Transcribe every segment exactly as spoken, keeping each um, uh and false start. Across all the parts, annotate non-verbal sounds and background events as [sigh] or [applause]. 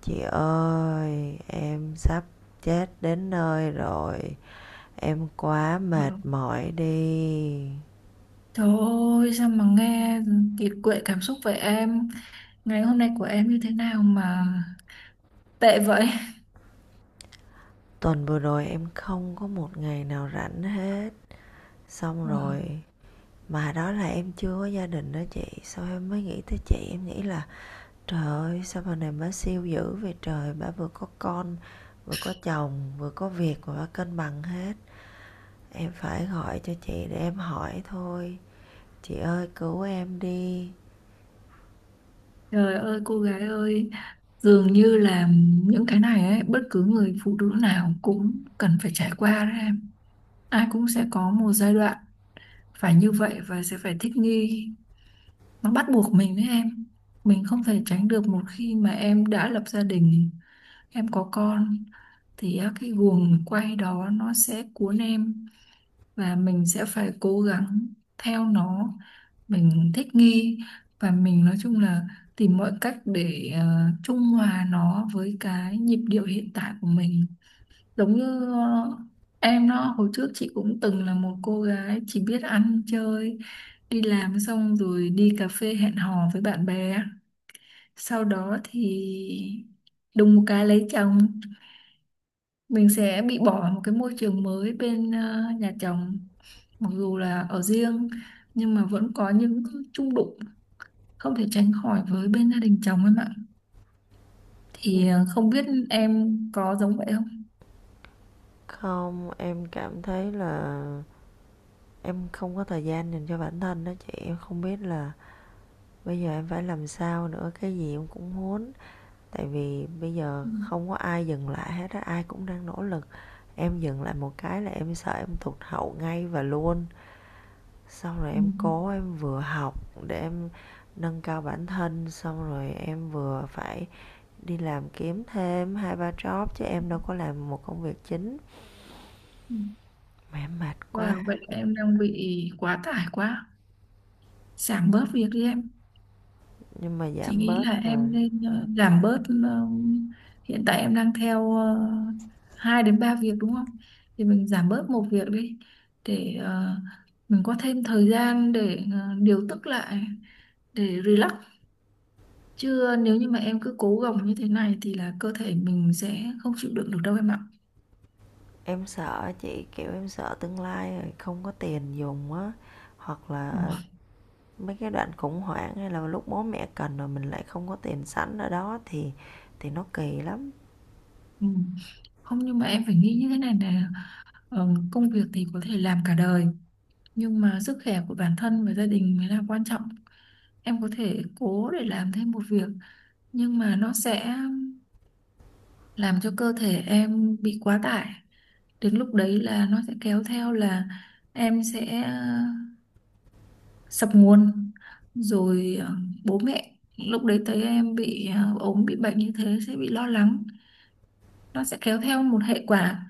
Chị ơi, em sắp chết đến nơi rồi. Em quá Ờ. mệt mỏi đi. Trời ơi, sao mà nghe kiệt quệ cảm xúc vậy em. Ngày hôm nay của em như thế nào mà tệ vậy? Tuần vừa rồi em không có một ngày nào rảnh hết. Xong Wow. rồi, mà đó là em chưa có gia đình đó chị. Sau em mới nghĩ tới chị, em nghĩ là trời ơi, sao bà này bà siêu dữ vậy trời. Bà vừa có con, vừa có chồng, vừa có việc mà bà cân bằng hết. Em phải gọi cho chị để em hỏi thôi. Chị ơi, cứu em đi. Trời ơi, cô gái ơi. Dường như là những cái này ấy, bất cứ người phụ nữ nào cũng cần phải trải qua đấy em. Ai cũng sẽ có một giai đoạn phải như vậy và sẽ phải thích nghi. Nó bắt buộc mình đấy em. Mình không thể tránh được. Một khi mà em đã lập gia đình, em có con, thì á, cái guồng quay đó nó sẽ cuốn em, và mình sẽ phải cố gắng theo nó, mình thích nghi, và mình nói chung là tìm mọi cách để ờ, trung hòa nó với cái nhịp điệu hiện tại của mình, giống như ờ, em đó. Hồi trước chị cũng từng là một cô gái chỉ biết ăn chơi, đi làm xong rồi đi cà phê hẹn hò với bạn bè. Sau đó thì đùng một cái lấy chồng, mình sẽ bị bỏ một cái môi trường mới bên ờ, nhà chồng, mặc dù là ở riêng nhưng mà vẫn có những chung đụng không thể tránh khỏi với bên gia đình chồng em ạ. Thì ờ, không biết em có giống vậy không? Không, em cảm thấy là em không có thời gian dành cho bản thân đó chị, em không biết là bây giờ em phải làm sao nữa, cái gì em cũng muốn. Tại vì bây giờ Ừ, không có ai dừng lại hết á, ai cũng đang nỗ lực. Em dừng lại một cái là em sợ em tụt hậu ngay và luôn. Xong rồi ừ, em cố em vừa học để em nâng cao bản thân, xong rồi em vừa phải đi làm kiếm thêm hai ba job chứ em đâu có làm một công việc chính. ừ. Mà em mệt Wow, quá. vậy là em đang bị quá tải quá. Giảm bớt việc đi em. Nhưng mà Chị giảm nghĩ bớt là em rồi nên ờ, giảm bớt. Ờ, hiện tại em đang theo ờ, hai đến ba việc đúng không? Thì mình giảm bớt một việc đi, để ờ, mình có thêm thời gian để ờ, điều tức lại, để relax, chứ nếu như mà em cứ cố gồng như thế này thì là cơ thể mình sẽ không chịu đựng được đâu em ạ. em sợ chị, kiểu em sợ tương lai rồi không có tiền dùng á, hoặc Ồ, là mấy cái đoạn khủng hoảng hay là lúc bố mẹ cần rồi mình lại không có tiền sẵn ở đó thì thì nó kỳ lắm. ừ. Không, nhưng mà em phải nghĩ như thế này nè. Ờ, công việc thì có thể làm cả đời, nhưng mà sức khỏe của bản thân và gia đình mới là quan trọng. Em có thể cố để làm thêm một việc, nhưng mà nó sẽ làm cho cơ thể em bị quá tải. Đến lúc đấy là nó sẽ kéo theo là em sẽ ờ, sập nguồn, rồi ờ, bố mẹ lúc đấy thấy em bị ờ, ốm, bị bệnh như thế sẽ bị lo lắng. Nó sẽ kéo theo một hệ quả.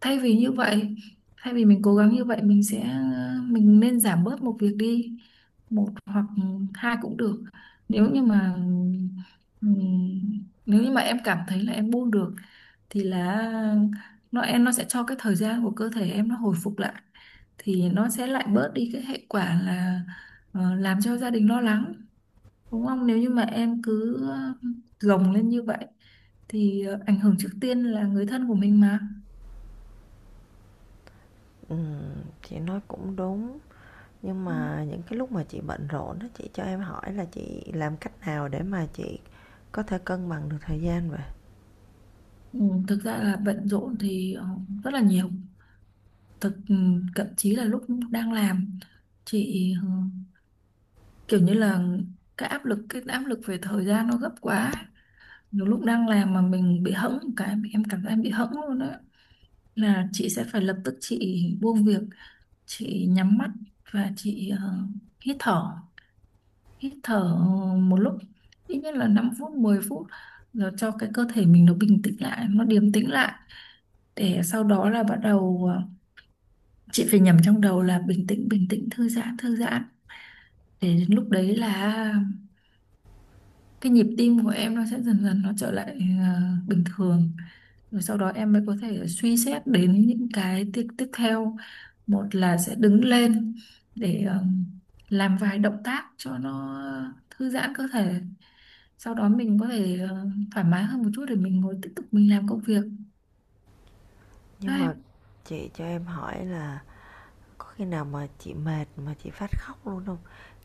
Thay vì như vậy, thay vì mình cố gắng như vậy, mình sẽ mình nên giảm bớt một việc đi, một hoặc hai cũng được. Nếu như mà ừm, nếu như mà em cảm thấy là em buông được thì là nó em nó sẽ cho cái thời gian của cơ thể em nó hồi phục lại, thì nó sẽ lại bớt đi cái hệ quả là ờ, làm cho gia đình lo lắng, đúng không? Nếu như mà em cứ ờ, gồng lên như vậy thì ờ, ảnh hưởng trước tiên là người thân của mình mà. Ừ, chị nói cũng đúng, nhưng mà những cái lúc mà chị bận rộn á chị cho em hỏi là chị làm cách nào để mà chị có thể cân bằng được thời gian vậy? Ừ, thực ra là bận rộn thì ờ, rất là nhiều. thực ừ, Thậm chí là lúc đang làm, chị ờ, kiểu như là cái áp lực cái áp lực về thời gian nó gấp quá, nhiều lúc đang làm mà mình bị hẫng một cái, em cảm giác em bị hẫng luôn á, là chị sẽ phải lập tức chị buông việc, chị nhắm mắt, và chị ờ, hít thở, hít thở ờ, một lúc, ít nhất là năm phút mười phút, rồi cho cái cơ thể mình nó bình tĩnh lại, nó điềm tĩnh lại, để sau đó là bắt đầu ờ, chị phải nhầm trong đầu là bình tĩnh bình tĩnh thư giãn thư giãn, để đến lúc đấy là cái nhịp tim của em nó sẽ dần dần nó trở lại ờ, bình thường. Rồi sau đó em mới có thể suy xét đến những cái tiếp tiếp theo. Một là sẽ đứng lên để ờ, làm vài động tác cho nó thư giãn cơ thể, sau đó mình có thể ờ, thoải mái hơn một chút để mình ngồi tiếp tục mình làm công việc. Đó Nhưng em. mà chị cho em hỏi là có khi nào mà chị mệt mà chị phát khóc luôn không?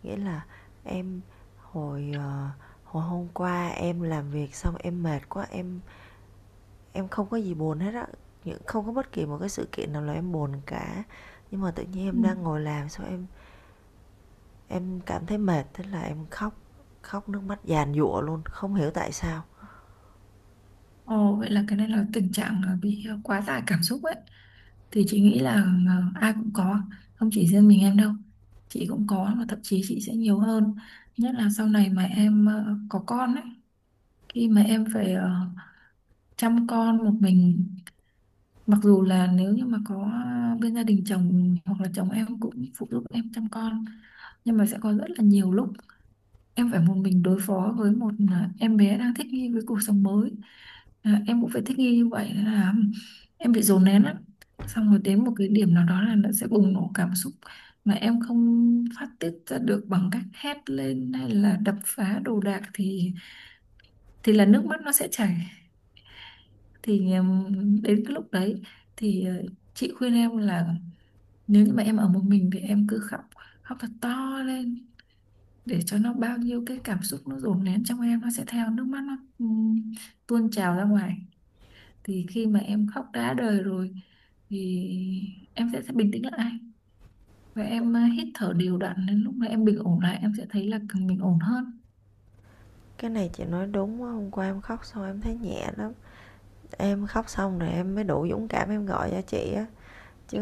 Nghĩa là em hồi, ờ, hồi hôm qua em làm việc xong em mệt quá, em em không có gì buồn hết á, không có bất kỳ một cái sự kiện nào là em buồn cả. Nhưng mà tự nhiên Ừ. em đang ngồi làm xong em em cảm thấy mệt, thế là em khóc, khóc nước mắt dàn dụa luôn, không hiểu tại sao. Ồ, vậy là cái này là tình trạng ờ, bị ờ, quá tải cảm xúc ấy, thì chị nghĩ là ờ, ai cũng có, không chỉ riêng mình em đâu, chị cũng có, mà thậm chí chị sẽ nhiều hơn. Nhất là sau này mà em ờ, có con ấy, khi mà em phải ờ, chăm con một mình. Mặc dù là nếu như mà có bên gia đình chồng hoặc là chồng em cũng phụ giúp em chăm con, nhưng mà sẽ có rất là nhiều lúc em phải một mình đối phó với một à, em bé đang thích nghi với cuộc sống mới, à, em cũng phải thích nghi như vậy, nên là em bị dồn nén lắm. Xong rồi đến một cái điểm nào đó là nó sẽ bùng nổ cảm xúc, mà em không phát tiết ra được bằng cách hét lên hay là đập phá đồ đạc thì thì là nước mắt nó sẽ chảy. Thì ừm, đến cái lúc đấy thì ờ, chị khuyên em là nếu như mà em ở một mình thì em cứ khóc, khóc thật to lên để cho nó bao nhiêu cái cảm xúc nó dồn nén trong em nó sẽ theo nước mắt nó ừm, tuôn trào ra ngoài. Thì khi mà em khóc đã đời rồi thì em sẽ, sẽ bình tĩnh lại, và em ờ, hít thở đều đặn, đến lúc mà em bình ổn lại em sẽ thấy là mình ổn hơn. Cái này chị nói đúng á, hôm qua em khóc xong em thấy nhẹ lắm, em khóc xong rồi em mới đủ dũng cảm em gọi cho chị á. Chứ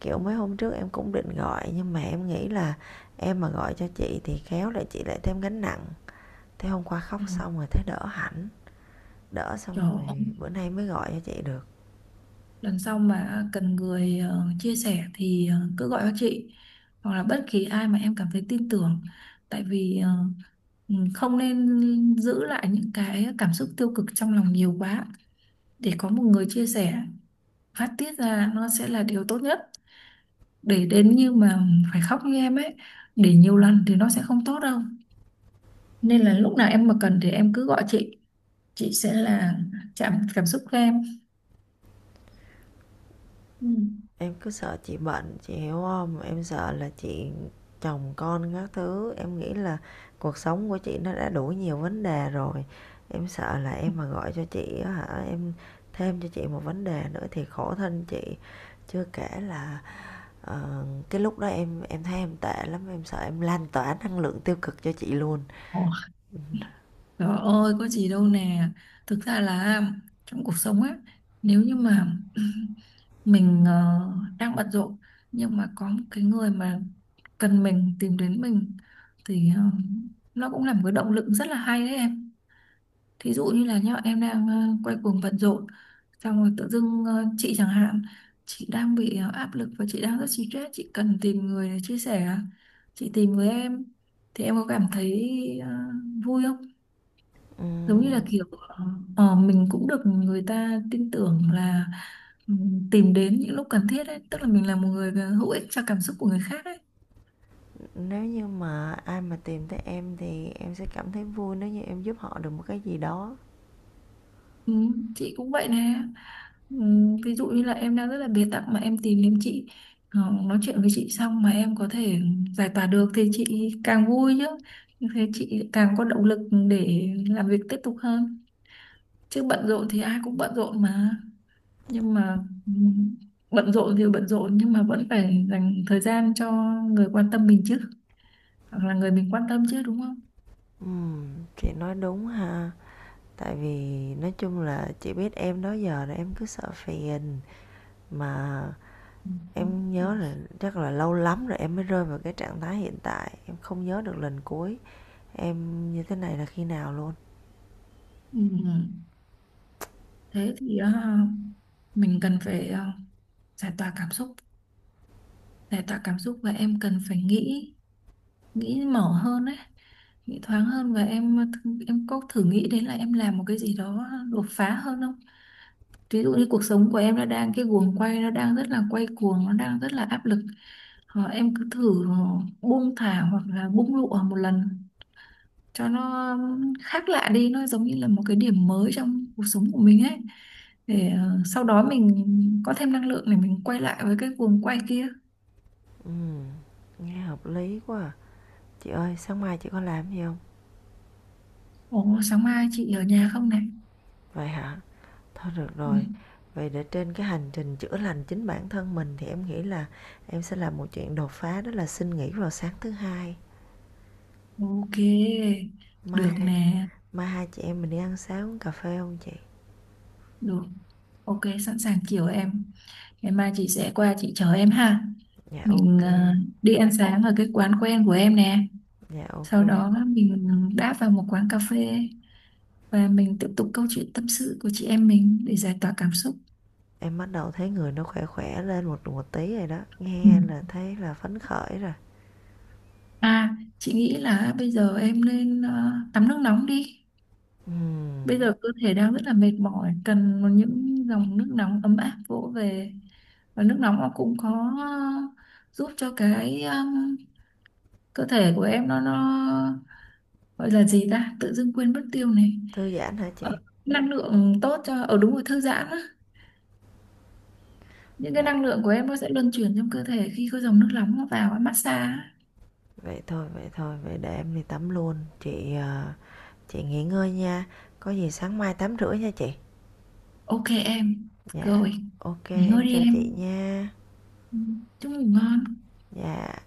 kiểu mấy hôm trước em cũng định gọi nhưng mà em nghĩ là em mà gọi cho chị thì khéo lại chị lại thêm gánh nặng. Thế hôm qua khóc Ừ. xong rồi thấy đỡ hẳn, đỡ xong Trời rồi ơi, bữa nay mới gọi cho chị được. lần sau mà cần người ờ, chia sẻ thì ờ, cứ gọi cho chị, hoặc là bất kỳ ai mà em cảm thấy tin tưởng. Tại vì ờ, ừ, không nên giữ lại những cái cảm xúc tiêu cực trong lòng nhiều quá, để có một người chia sẻ phát tiết ra nó sẽ là điều tốt nhất. Để đến như mà phải khóc như em ấy, để nhiều lần thì nó sẽ không tốt đâu. Nên là lúc nào em mà cần thì em cứ gọi chị chị sẽ là chạm cảm xúc của em. Ừ. Em cứ sợ chị bệnh chị hiểu không, em sợ là chị chồng con các thứ em nghĩ là cuộc sống của chị nó đã đủ nhiều vấn đề rồi, em sợ là em mà gọi cho chị á hả em thêm cho chị một vấn đề nữa thì khổ thân chị. Chưa kể là Ờ, cái lúc đó em em thấy em tệ lắm em sợ em lan tỏa năng lượng tiêu cực cho chị luôn. Ồ, trời ơi, có gì đâu nè. Thực ra là trong cuộc sống á, nếu như mà [clears throat] mình ờ, đang bận rộn, nhưng mà có một cái người mà cần mình tìm đến mình thì ờ, nó cũng là một cái động lực rất là hay đấy em. Thí dụ như là nhá, em đang ờ, quay cuồng bận rộn, xong rồi tự dưng ờ, chị chẳng hạn, chị đang bị ờ, áp lực và chị đang rất stress, chị cần tìm người để chia sẻ à? Chị tìm với em thì em có cảm thấy ờ, vui không? Giống như là Ừm, kiểu ờ, ờ, mình cũng được người ta tin tưởng là, ừ, tìm đến những lúc cần thiết ấy, tức là mình là một người ờ, hữu ích cho cảm xúc của người khác ấy. nếu như mà ai mà tìm tới em thì em sẽ cảm thấy vui nếu như em giúp họ được một cái gì đó. Ừ, chị cũng vậy nè. Ừm, ví dụ như là em đang rất là bế tắc mà em tìm đến chị, ờ, nói chuyện với chị xong mà em có thể giải tỏa được thì chị càng vui chứ. Thế chị càng có động lực để làm việc tiếp tục hơn. Chứ bận rộn thì ai cũng bận rộn mà, nhưng mà ừm, bận rộn thì bận rộn nhưng mà vẫn phải dành thời gian cho người quan tâm mình chứ, hoặc là người mình quan tâm chứ, đúng không? Ừm, chị nói đúng ha, tại vì nói chung là chị biết em đó giờ là em cứ sợ phiền mà. Ừm. Em nhớ là chắc là lâu lắm rồi em mới rơi vào cái trạng thái hiện tại, em không nhớ được lần cuối em như thế này là khi nào luôn. Ừm, Thế thì ờ, mình cần phải ờ, giải tỏa cảm xúc, giải tỏa cảm xúc, và em cần phải nghĩ nghĩ mở hơn ấy, nghĩ thoáng hơn. Và em em có thử nghĩ đến là em làm một cái gì đó đột phá hơn không? Ví dụ như cuộc sống của em nó đang cái guồng quay nó đang rất là quay cuồng, nó đang rất là áp lực, hoặc em cứ thử buông thả hoặc là bung lụa một lần cho nó khác lạ đi, nó giống như là một cái điểm mới trong cuộc sống của mình ấy, để ờ, sau đó mình có thêm năng lượng để mình quay lại với cái guồng quay kia. Ừm, nghe hợp lý quá à. Chị ơi, sáng mai chị có làm gì không? Ồ, sáng mai chị ở nhà không này. Vậy hả? Thôi được Ừ. rồi. Vậy để trên cái hành trình chữa lành chính bản thân mình thì em nghĩ là em sẽ làm một chuyện đột phá đó là xin nghỉ vào sáng thứ hai. Ok, Mai được nè, mai hai chị em mình đi ăn sáng uống cà phê không chị? được. Ok, sẵn sàng chiều em. Ngày mai chị sẽ qua, chị chờ em ha. Dạ Mình ok. ờ, đi ăn sáng ở cái quán quen của em nè. Dạ ok. Sau đó mình đáp vào một quán cà phê và mình tiếp tục câu chuyện tâm sự của chị em mình để giải tỏa cảm xúc. Em bắt đầu thấy người nó khỏe khỏe lên một một tí rồi đó. Ừ. Nghe là thấy là phấn khởi rồi. À, chị nghĩ là bây giờ em nên ờ, tắm nước nóng đi. Ừm, Bây giờ cơ thể đang rất là mệt mỏi, cần một những dòng nước nóng ấm áp vỗ về. Và nước nóng nó cũng có giúp cho cái um, cơ thể của em nó nó gọi là gì ta? Tự dưng quên mất tiêu này. Thư giãn hả Ờ, chị? năng lượng tốt cho ở đúng rồi thư giãn á. Những cái Dạ. năng lượng của em nó sẽ luân chuyển trong cơ thể khi có dòng nước nóng nó vào ấy, massage. Á. Vậy thôi, vậy thôi, vậy để em đi tắm luôn. Chị ờ, Chị nghỉ ngơi nha, có gì sáng mai tám rưỡi nha chị. Ok em. Dạ, Rồi, ok nghỉ ngơi em đi chào chị em. nha. Ừ, chúc ngủ ngon. Dạ.